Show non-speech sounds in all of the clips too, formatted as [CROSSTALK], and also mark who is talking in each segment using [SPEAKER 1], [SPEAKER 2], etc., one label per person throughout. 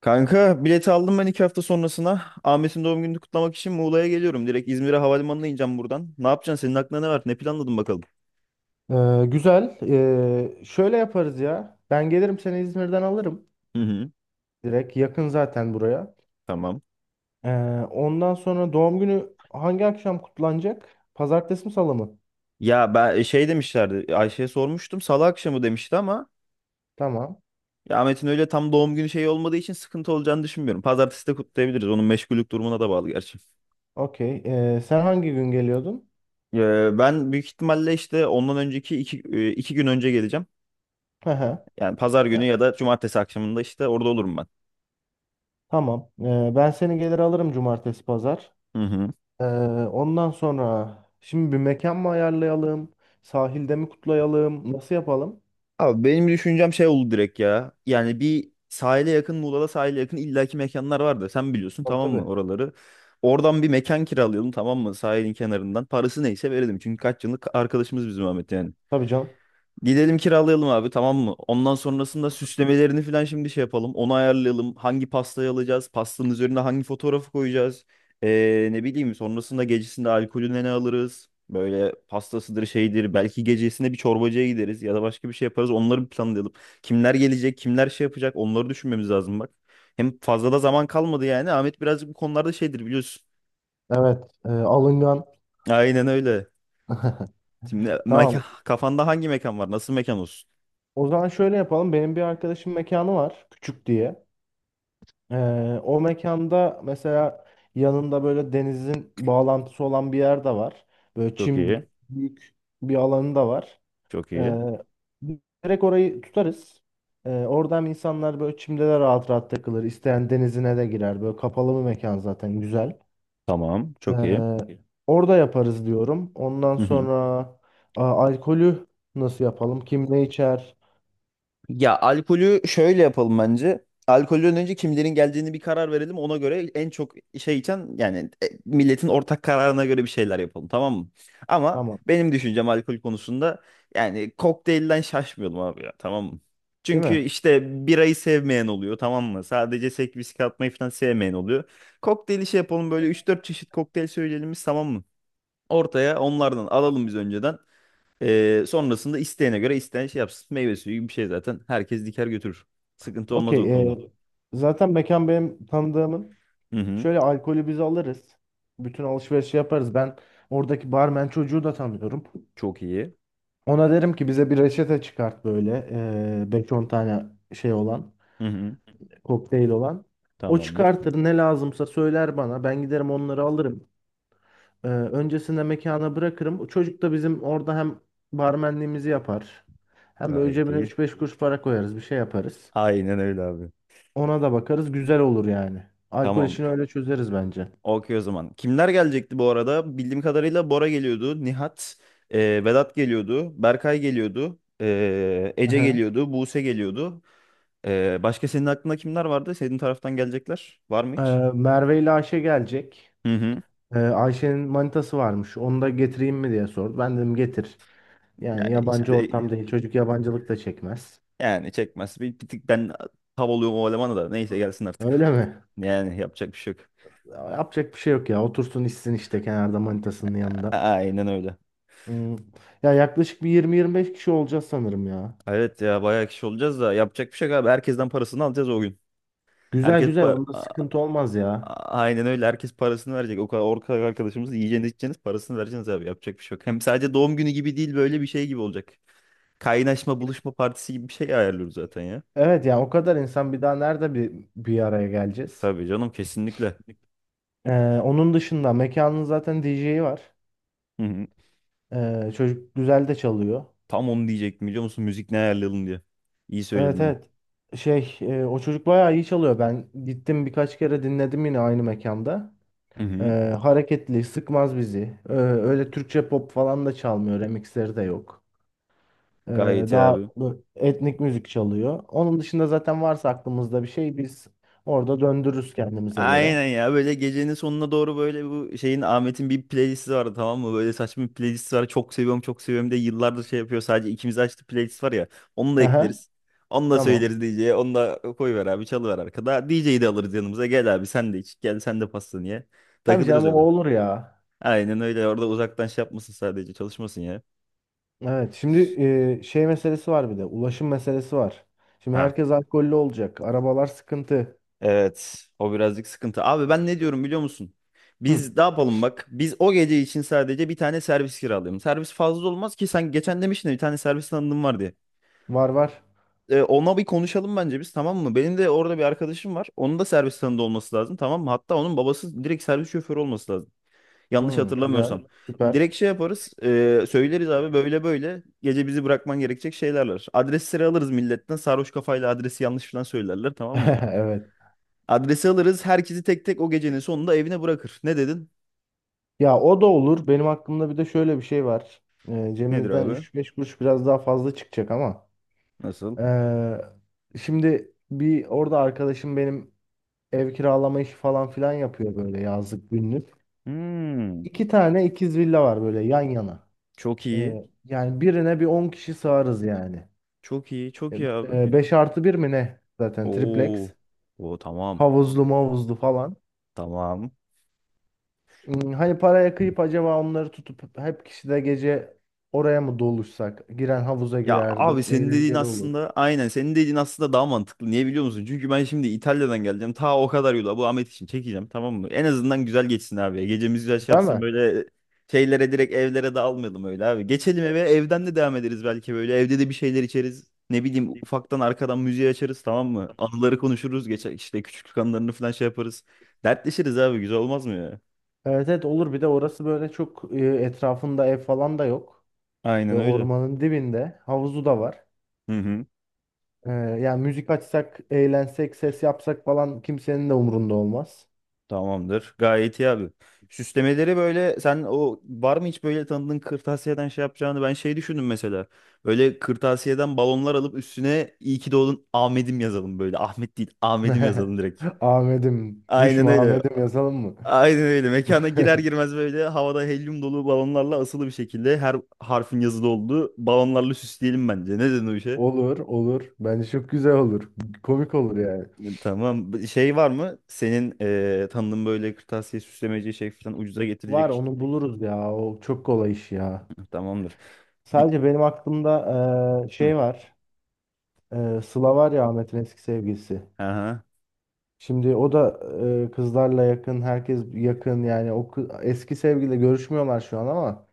[SPEAKER 1] Kanka bileti aldım ben iki hafta sonrasına. Ahmet'in doğum gününü kutlamak için Muğla'ya geliyorum. Direkt İzmir'e havalimanına ineceğim buradan. Ne yapacaksın? Senin aklına ne var? Ne planladın bakalım?
[SPEAKER 2] Güzel. Şöyle yaparız ya. Ben gelirim, seni İzmir'den alırım.
[SPEAKER 1] Hı hı.
[SPEAKER 2] Direkt yakın zaten buraya.
[SPEAKER 1] Tamam.
[SPEAKER 2] Ee, Ondan sonra doğum günü hangi akşam kutlanacak? Pazartesi mi, salı mı?
[SPEAKER 1] Ya ben şey demişlerdi. Ayşe'ye sormuştum. Salı akşamı demişti ama
[SPEAKER 2] Tamam.
[SPEAKER 1] ya Ahmet'in öyle tam doğum günü şeyi olmadığı için sıkıntı olacağını düşünmüyorum. Pazartesi de kutlayabiliriz. Onun meşgullük durumuna da bağlı gerçi.
[SPEAKER 2] Okey. Sen hangi gün geliyordun?
[SPEAKER 1] Ben büyük ihtimalle işte ondan önceki iki gün önce geleceğim.
[SPEAKER 2] Hı hı.
[SPEAKER 1] Yani pazar günü
[SPEAKER 2] Ya,
[SPEAKER 1] ya da cumartesi akşamında işte orada olurum ben.
[SPEAKER 2] tamam. Ben seni gelir alırım, cumartesi pazar.
[SPEAKER 1] Hı hı.
[SPEAKER 2] Ee, Ondan sonra şimdi bir mekan mı ayarlayalım? Sahilde mi kutlayalım? Nasıl yapalım?
[SPEAKER 1] Abi benim düşüncem şey oldu direkt ya. Yani bir sahile yakın, Muğla'da sahile yakın illaki mekanlar vardı. Sen biliyorsun
[SPEAKER 2] Tabii,
[SPEAKER 1] tamam mı
[SPEAKER 2] tabii.
[SPEAKER 1] oraları. Oradan bir mekan kiralayalım tamam mı sahilin kenarından. Parası neyse verelim. Çünkü kaç yıllık arkadaşımız bizim Ahmet yani.
[SPEAKER 2] Tabii canım.
[SPEAKER 1] Gidelim kiralayalım abi tamam mı? Ondan sonrasında süslemelerini falan şimdi şey yapalım. Onu ayarlayalım. Hangi pastayı alacağız? Pastanın üzerine hangi fotoğrafı koyacağız? Ne bileyim sonrasında gecesinde alkolüne ne alırız? Böyle pastasıdır şeydir. Belki gecesinde bir çorbacıya gideriz ya da başka bir şey yaparız. Onları bir planlayalım. Kimler gelecek? Kimler şey yapacak? Onları düşünmemiz lazım bak. Hem fazla da zaman kalmadı yani. Ahmet birazcık bu konularda şeydir biliyorsun.
[SPEAKER 2] Evet, alıngan.
[SPEAKER 1] Aynen öyle.
[SPEAKER 2] [LAUGHS]
[SPEAKER 1] Şimdi
[SPEAKER 2] Tamam.
[SPEAKER 1] mekan, kafanda hangi mekan var? Nasıl mekan olsun?
[SPEAKER 2] O zaman şöyle yapalım. Benim bir arkadaşım mekanı var. Küçük diye. Ee, O mekanda mesela yanında böyle denizin bağlantısı olan bir yer de var. Böyle
[SPEAKER 1] Çok
[SPEAKER 2] çim
[SPEAKER 1] iyi.
[SPEAKER 2] büyük bir alanı da var.
[SPEAKER 1] Çok iyi.
[SPEAKER 2] Ee, Direkt orayı tutarız. Oradan insanlar böyle çimde de rahat rahat takılır. İsteyen denizine de girer. Böyle kapalı bir mekan zaten güzel.
[SPEAKER 1] Tamam. Çok iyi.
[SPEAKER 2] Ee, Orada yaparız diyorum. Ondan
[SPEAKER 1] Hı hı.
[SPEAKER 2] sonra alkolü nasıl yapalım? Kim ne içer?
[SPEAKER 1] Ya alkolü şöyle yapalım bence. Alkolden önce kimlerin geldiğini bir karar verelim. Ona göre en çok şey içen yani milletin ortak kararına göre bir şeyler yapalım tamam mı? Ama
[SPEAKER 2] Tamam.
[SPEAKER 1] benim düşüncem alkol konusunda yani kokteylden şaşmıyorum abi ya tamam mı?
[SPEAKER 2] Değil
[SPEAKER 1] Çünkü
[SPEAKER 2] mi?
[SPEAKER 1] işte birayı sevmeyen oluyor tamam mı? Sadece sek viski atmayı falan sevmeyen oluyor. Kokteyli şey yapalım böyle üç dört çeşit kokteyl söyleyelim biz tamam mı? Ortaya onlardan alalım biz önceden. Sonrasında isteyene göre isteyen şey yapsın. Meyve suyu gibi bir şey zaten. Herkes diker götürür. Sıkıntı olmaz o
[SPEAKER 2] Okey.
[SPEAKER 1] konuda.
[SPEAKER 2] Zaten mekan benim tanıdığımın.
[SPEAKER 1] Hı hı.
[SPEAKER 2] Şöyle, alkolü biz alırız. Bütün alışverişi yaparız. Ben oradaki barmen çocuğu da tanıyorum.
[SPEAKER 1] Çok iyi.
[SPEAKER 2] Ona derim ki bize bir reçete çıkart böyle. 5-10 tane şey olan.
[SPEAKER 1] Hı hı.
[SPEAKER 2] Kokteyl olan. O
[SPEAKER 1] Tamamdır.
[SPEAKER 2] çıkartır, ne lazımsa söyler bana. Ben giderim onları alırım. Öncesinde mekana bırakırım. O çocuk da bizim orada hem barmenliğimizi yapar. Hem böyle
[SPEAKER 1] Gayet
[SPEAKER 2] cebine
[SPEAKER 1] iyi.
[SPEAKER 2] üç beş kuruş para koyarız. Bir şey yaparız.
[SPEAKER 1] Aynen öyle abi.
[SPEAKER 2] Ona da bakarız. Güzel olur yani. Alkol işini
[SPEAKER 1] Tamamdır.
[SPEAKER 2] öyle çözeriz bence.
[SPEAKER 1] Okey o zaman. Kimler gelecekti bu arada? Bildiğim kadarıyla Bora geliyordu. Nihat, e, Vedat geliyordu. Berkay geliyordu.
[SPEAKER 2] Hı
[SPEAKER 1] Ece
[SPEAKER 2] hı.
[SPEAKER 1] geliyordu. Buse geliyordu. Başka senin aklında kimler vardı? Senin taraftan gelecekler. Var mı
[SPEAKER 2] Ee,
[SPEAKER 1] hiç?
[SPEAKER 2] Merve ile Ayşe gelecek.
[SPEAKER 1] Hı hı.
[SPEAKER 2] Ayşe'nin manitası varmış. Onu da getireyim mi diye sordu. Ben dedim, getir.
[SPEAKER 1] Ya
[SPEAKER 2] Yani
[SPEAKER 1] hiç
[SPEAKER 2] yabancı ortam
[SPEAKER 1] de...
[SPEAKER 2] değil. Çocuk yabancılık da çekmez.
[SPEAKER 1] Yani çekmez. Bir tık ben tav oluyorum o elemana da. Neyse gelsin artık.
[SPEAKER 2] Öyle mi?
[SPEAKER 1] Yani yapacak bir şey yok.
[SPEAKER 2] Yapacak bir şey yok ya. Otursun içsin işte kenarda manitasının yanında.
[SPEAKER 1] Aynen öyle.
[SPEAKER 2] Hmm. Ya yaklaşık bir 20-25 kişi olacağız sanırım ya.
[SPEAKER 1] Evet ya bayağı kişi olacağız da yapacak bir şey yok abi. Herkesten parasını alacağız o gün.
[SPEAKER 2] Güzel
[SPEAKER 1] Herkes
[SPEAKER 2] güzel.
[SPEAKER 1] pa-
[SPEAKER 2] Onda
[SPEAKER 1] A-
[SPEAKER 2] sıkıntı olmaz
[SPEAKER 1] a-
[SPEAKER 2] ya.
[SPEAKER 1] aynen öyle. Herkes parasını verecek. O kadar arkadaşımız yiyeceğiniz içeceğiniz parasını vereceğiniz abi. Yapacak bir şey yok. Hem sadece doğum günü gibi değil böyle bir şey gibi olacak. Kaynaşma buluşma partisi gibi bir şey ayarlıyoruz zaten ya.
[SPEAKER 2] Evet ya, o kadar insan bir daha nerede bir araya geleceğiz?
[SPEAKER 1] Tabii canım kesinlikle.
[SPEAKER 2] Onun dışında mekanın zaten DJ'i var.
[SPEAKER 1] Hı hı.
[SPEAKER 2] Çocuk güzel de çalıyor.
[SPEAKER 1] Tam onu diyecektim biliyor musun? Müzik ne ayarlayalım diye. İyi söyledin
[SPEAKER 2] Evet,
[SPEAKER 1] onu.
[SPEAKER 2] evet. Şey, o çocuk bayağı iyi çalıyor. Ben gittim birkaç kere dinledim yine aynı mekanda.
[SPEAKER 1] Hı
[SPEAKER 2] Ee,
[SPEAKER 1] hı.
[SPEAKER 2] Hareketli, sıkmaz bizi. Öyle Türkçe pop falan da çalmıyor. Remixleri de yok. Ee,
[SPEAKER 1] Gayet iyi
[SPEAKER 2] Daha
[SPEAKER 1] abi.
[SPEAKER 2] bu etnik müzik çalıyor. Onun dışında zaten varsa aklımızda bir şey biz orada döndürürüz kendimize göre.
[SPEAKER 1] Aynen ya böyle gecenin sonuna doğru böyle bu şeyin Ahmet'in bir playlisti vardı tamam mı? Böyle saçma bir playlisti var. Çok seviyorum çok seviyorum de yıllardır şey yapıyor sadece ikimiz açtı playlist var ya. Onu da
[SPEAKER 2] Hı hı.
[SPEAKER 1] ekleriz. Onu da
[SPEAKER 2] Tamam.
[SPEAKER 1] söyleriz DJ'ye. Onu da koyver abi çalıver arkada. DJ'yi de alırız yanımıza. Gel abi sen de iç. Gel sen de pastanı ye.
[SPEAKER 2] Tabii
[SPEAKER 1] Takılırız
[SPEAKER 2] canım, o
[SPEAKER 1] öyle.
[SPEAKER 2] olur ya.
[SPEAKER 1] Aynen öyle orada uzaktan şey yapmasın sadece çalışmasın ya.
[SPEAKER 2] Evet, şimdi şey meselesi var, bir de ulaşım meselesi var. Şimdi
[SPEAKER 1] Ha.
[SPEAKER 2] herkes alkollü olacak. Arabalar sıkıntı.
[SPEAKER 1] Evet, o birazcık sıkıntı. Abi ben ne diyorum biliyor musun?
[SPEAKER 2] Hı,
[SPEAKER 1] Biz ne yapalım bak. Biz o gece için sadece bir tane servis kiralayalım. Servis fazla olmaz ki sen geçen demiştin ya, bir tane servis tanıdığım var diye.
[SPEAKER 2] var var.
[SPEAKER 1] Ona bir konuşalım bence biz tamam mı? Benim de orada bir arkadaşım var. Onun da servis tanıdığı olması lazım tamam mı? Hatta onun babası direkt servis şoförü olması lazım.
[SPEAKER 2] Hı,
[SPEAKER 1] Yanlış
[SPEAKER 2] yanlış güzel.
[SPEAKER 1] hatırlamıyorsam.
[SPEAKER 2] Hatırlamıyorsam. Süper.
[SPEAKER 1] Direkt şey yaparız. Söyleriz abi böyle böyle. Gece bizi bırakman gerekecek şeyler var. Adresleri alırız milletten. Sarhoş kafayla adresi yanlış falan söylerler tamam mı?
[SPEAKER 2] [LAUGHS] Evet.
[SPEAKER 1] Adresi alırız. Herkesi tek tek o gecenin sonunda evine bırakır. Ne dedin?
[SPEAKER 2] Ya, o da olur. Benim aklımda bir de şöyle bir şey var.
[SPEAKER 1] Nedir
[SPEAKER 2] Cebimizden
[SPEAKER 1] abi?
[SPEAKER 2] 3-5 kuruş biraz daha fazla çıkacak ama.
[SPEAKER 1] Nasıl?
[SPEAKER 2] Şimdi bir, orada arkadaşım benim ev kiralama işi falan filan yapıyor, böyle yazlık günlük.
[SPEAKER 1] Hmm,
[SPEAKER 2] İki tane ikiz villa var böyle yan yana.
[SPEAKER 1] çok iyi.
[SPEAKER 2] Yani birine bir 10 kişi sığarız yani.
[SPEAKER 1] Çok iyi. Çok iyi abi.
[SPEAKER 2] 5 artı bir mi ne? Zaten triplex.
[SPEAKER 1] Oo. Oo tamam.
[SPEAKER 2] Havuzlu mavuzlu falan.
[SPEAKER 1] Tamam.
[SPEAKER 2] Hani paraya kıyıp acaba onları tutup hep kişi de gece oraya mı doluşsak? Giren havuza
[SPEAKER 1] Ya
[SPEAKER 2] girer.
[SPEAKER 1] abi
[SPEAKER 2] Böyle
[SPEAKER 1] senin dediğin
[SPEAKER 2] eğlenceli olur.
[SPEAKER 1] aslında aynen senin dediğin aslında daha mantıklı. Niye biliyor musun? Çünkü ben şimdi İtalya'dan geleceğim. Ta o kadar yola bu Ahmet için çekeceğim tamam mı? En azından güzel geçsin abi. Gecemiz güzel şey
[SPEAKER 2] Değil
[SPEAKER 1] yapsın
[SPEAKER 2] mi?
[SPEAKER 1] böyle şeylere direkt evlere dağılmayalım öyle abi. Geçelim eve evden de devam ederiz belki böyle. Evde de bir şeyler içeriz. Ne bileyim ufaktan arkadan müziği açarız tamam mı? Anıları konuşuruz. Geçer işte küçüklük anılarını falan şey yaparız. Dertleşiriz abi güzel olmaz mı ya?
[SPEAKER 2] Evet, evet olur. Bir de orası böyle çok etrafında ev falan da yok. Ve
[SPEAKER 1] Aynen öyle.
[SPEAKER 2] ormanın dibinde. Havuzu da var.
[SPEAKER 1] Hı hı.
[SPEAKER 2] Yani müzik açsak, eğlensek, ses yapsak falan kimsenin de umurunda olmaz.
[SPEAKER 1] Tamamdır. Gayet iyi abi. Süslemeleri böyle sen o var mı hiç böyle tanıdığın kırtasiyeden şey yapacağını ben şey düşündüm mesela. Böyle kırtasiyeden balonlar alıp üstüne iyi ki doğdun Ahmet'im yazalım böyle. Ahmet değil Ahmet'im
[SPEAKER 2] [LAUGHS]
[SPEAKER 1] yazalım direkt.
[SPEAKER 2] Ahmet'im,
[SPEAKER 1] Aynen
[SPEAKER 2] düşme
[SPEAKER 1] öyle.
[SPEAKER 2] Ahmet'im yazalım mı?
[SPEAKER 1] Aynen öyle. Mekana girer
[SPEAKER 2] [LAUGHS]
[SPEAKER 1] girmez böyle havada helyum dolu balonlarla asılı bir şekilde her harfin yazılı olduğu balonlarla süsleyelim bence. Ne dedin o işe?
[SPEAKER 2] Olur, olur. Bence çok güzel olur. Komik olur yani.
[SPEAKER 1] Tamam. Şey var mı? Senin tanıdığın böyle kırtasiye süslemeci şey falan ucuza
[SPEAKER 2] Var,
[SPEAKER 1] getirecek.
[SPEAKER 2] onu buluruz ya. O çok kolay iş ya.
[SPEAKER 1] Tamamdır.
[SPEAKER 2] Sadece benim aklımda
[SPEAKER 1] Hı.
[SPEAKER 2] şey var. Sıla var ya, Ahmet'in eski sevgilisi.
[SPEAKER 1] Aha,
[SPEAKER 2] Şimdi o da kızlarla yakın, herkes yakın yani eski sevgiliyle görüşmüyorlar şu an, ama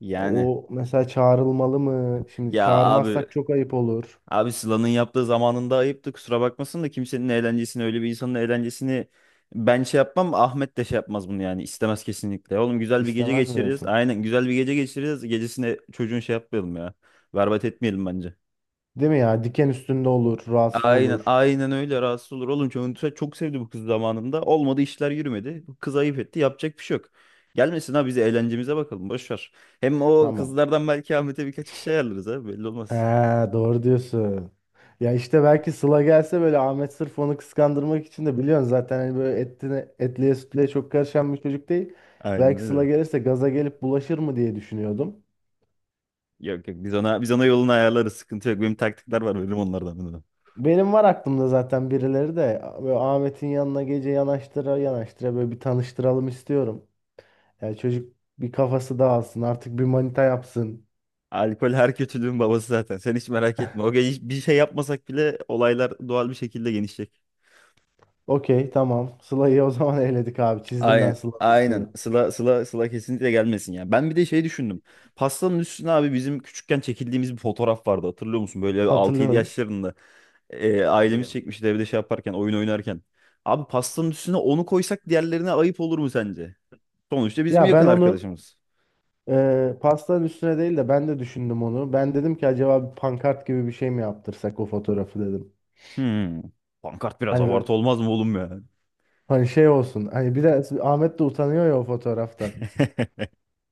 [SPEAKER 1] yani
[SPEAKER 2] o mesela çağrılmalı mı? Şimdi
[SPEAKER 1] ya abi
[SPEAKER 2] çağırmazsak çok ayıp olur.
[SPEAKER 1] abi Sıla'nın yaptığı zamanında ayıptı kusura bakmasın da kimsenin eğlencesini öyle bir insanın eğlencesini ben şey yapmam Ahmet de şey yapmaz bunu yani istemez kesinlikle. Oğlum güzel bir gece
[SPEAKER 2] İstemez mi
[SPEAKER 1] geçireceğiz
[SPEAKER 2] diyorsun?
[SPEAKER 1] aynen güzel bir gece geçireceğiz gecesine çocuğun şey yapmayalım ya berbat etmeyelim bence.
[SPEAKER 2] Değil mi ya? Diken üstünde olur, rahatsız
[SPEAKER 1] Aynen
[SPEAKER 2] olur.
[SPEAKER 1] aynen öyle rahatsız olur oğlum çok, çok sevdi bu kız zamanında olmadı işler yürümedi bu kız ayıp etti yapacak bir şey yok. Gelmesin ha biz eğlencemize bakalım boş ver. Hem o
[SPEAKER 2] Tamam.
[SPEAKER 1] kızlardan belki Ahmet'e birkaç kişi ayarlarız ha belli olmaz.
[SPEAKER 2] Ha, doğru diyorsun. Ya işte belki Sıla gelse böyle Ahmet sırf onu kıskandırmak için de, biliyorsun zaten hani böyle etliye sütlüye çok karışan bir çocuk değil.
[SPEAKER 1] Aynen
[SPEAKER 2] Belki Sıla
[SPEAKER 1] öyle.
[SPEAKER 2] gelirse gaza gelip bulaşır mı diye düşünüyordum.
[SPEAKER 1] Yok yok biz ona yolunu ayarlarız. Sıkıntı yok. Benim taktikler var. Benim onlardan.
[SPEAKER 2] Benim var aklımda, zaten birileri de böyle Ahmet'in yanına gece yanaştıra yanaştıra böyle bir tanıştıralım istiyorum. Yani çocuk bir kafası dağılsın artık, bir manita yapsın.
[SPEAKER 1] Alkol her kötülüğün babası zaten. Sen hiç merak etme. O gece bir şey yapmasak bile olaylar doğal bir şekilde genişleyecek.
[SPEAKER 2] Okey, tamam. Sıla'yı o zaman [LAUGHS] eledik abi, çizdim ben
[SPEAKER 1] Aynen.
[SPEAKER 2] Sıla'nın
[SPEAKER 1] Aynen.
[SPEAKER 2] üstünü.
[SPEAKER 1] Sıla, Sıla, Sıla kesinlikle gelmesin ya. Ben bir de şey düşündüm. Pastanın üstüne abi bizim küçükken çekildiğimiz bir fotoğraf vardı. Hatırlıyor musun? Böyle altı 7
[SPEAKER 2] Hatırlıyorum.
[SPEAKER 1] yaşlarında. Ailemiz çekmişti evde şey yaparken, oyun oynarken. Abi pastanın üstüne onu koysak diğerlerine ayıp olur mu sence? Sonuçta bizim
[SPEAKER 2] Ya ben
[SPEAKER 1] yakın
[SPEAKER 2] onu
[SPEAKER 1] arkadaşımız.
[SPEAKER 2] Pastanın üstüne değil de ben de düşündüm onu. Ben dedim ki acaba bir pankart gibi bir şey mi yaptırsak o fotoğrafı, dedim.
[SPEAKER 1] Hmm. Pankart biraz
[SPEAKER 2] Hani böyle,
[SPEAKER 1] abartı olmaz mı oğlum ya?
[SPEAKER 2] hani şey olsun. Hani biraz Ahmet de utanıyor ya o fotoğraftan.
[SPEAKER 1] [LAUGHS]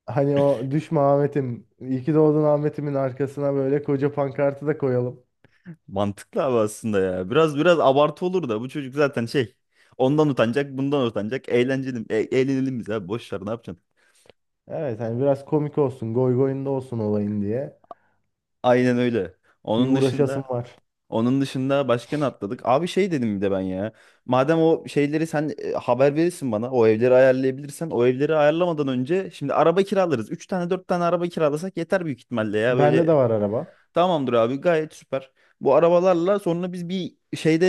[SPEAKER 2] Hani o düşme Ahmet'im, iyi ki doğdun Ahmet'imin arkasına böyle koca pankartı da koyalım.
[SPEAKER 1] Mantıklı abi aslında ya. Biraz biraz abartı olur da bu çocuk zaten şey. Ondan utanacak, bundan utanacak. Eğlenceli, eğlenelim biz abi. Boş ver, ne yapacaksın?
[SPEAKER 2] Evet, hani biraz komik olsun, goy goyunda olsun olayın diye.
[SPEAKER 1] Aynen öyle.
[SPEAKER 2] Bir
[SPEAKER 1] Onun
[SPEAKER 2] uğraşasım
[SPEAKER 1] dışında
[SPEAKER 2] var.
[SPEAKER 1] onun dışında başka ne atladık? Abi şey dedim bir de ben ya. Madem o şeyleri sen haber verirsin bana. O evleri ayarlayabilirsen. O evleri ayarlamadan önce şimdi araba kiralarız. 3 tane 4 tane araba kiralasak yeter büyük ihtimalle ya.
[SPEAKER 2] Bende
[SPEAKER 1] Böyle.
[SPEAKER 2] de var araba.
[SPEAKER 1] Tamamdır abi gayet süper. Bu arabalarla sonra biz bir şeyde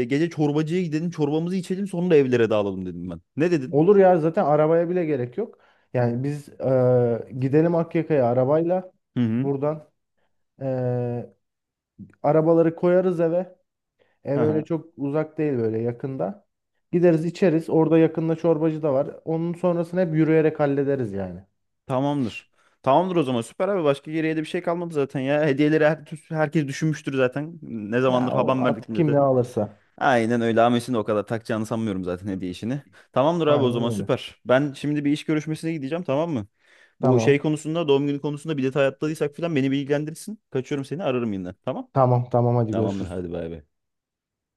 [SPEAKER 1] gece çorbacıya gidelim çorbamızı içelim sonra evlere dağılalım dedim ben. Ne dedin?
[SPEAKER 2] Olur ya, zaten arabaya bile gerek yok. Yani biz gidelim Akyaka'ya arabayla
[SPEAKER 1] Hı hı.
[SPEAKER 2] buradan. Arabaları koyarız eve.
[SPEAKER 1] Hı
[SPEAKER 2] Ev öyle
[SPEAKER 1] hı.
[SPEAKER 2] çok uzak değil, böyle yakında. Gideriz içeriz. Orada yakında çorbacı da var. Onun sonrasını hep yürüyerek hallederiz yani.
[SPEAKER 1] Tamamdır. Tamamdır o zaman süper abi başka geriye de bir şey kalmadı zaten ya. Hediyeleri herkes düşünmüştür zaten. Ne
[SPEAKER 2] Ya
[SPEAKER 1] zamandır
[SPEAKER 2] o
[SPEAKER 1] haber
[SPEAKER 2] tamam artık,
[SPEAKER 1] verdik
[SPEAKER 2] tamam. Kim
[SPEAKER 1] millete.
[SPEAKER 2] ne alırsa.
[SPEAKER 1] Aynen öyle Ames'in de o kadar takacağını sanmıyorum zaten hediye işini. Tamamdır abi o
[SPEAKER 2] Aynen
[SPEAKER 1] zaman
[SPEAKER 2] öyle.
[SPEAKER 1] süper. Ben şimdi bir iş görüşmesine gideceğim tamam mı? Bu şey
[SPEAKER 2] Tamam.
[SPEAKER 1] konusunda doğum günü konusunda bir detay atladıysak falan beni bilgilendirirsin. Kaçıyorum seni ararım yine tamam?
[SPEAKER 2] Tamam tamam, hadi
[SPEAKER 1] Tamamdır
[SPEAKER 2] görüşürüz.
[SPEAKER 1] hadi bay bay.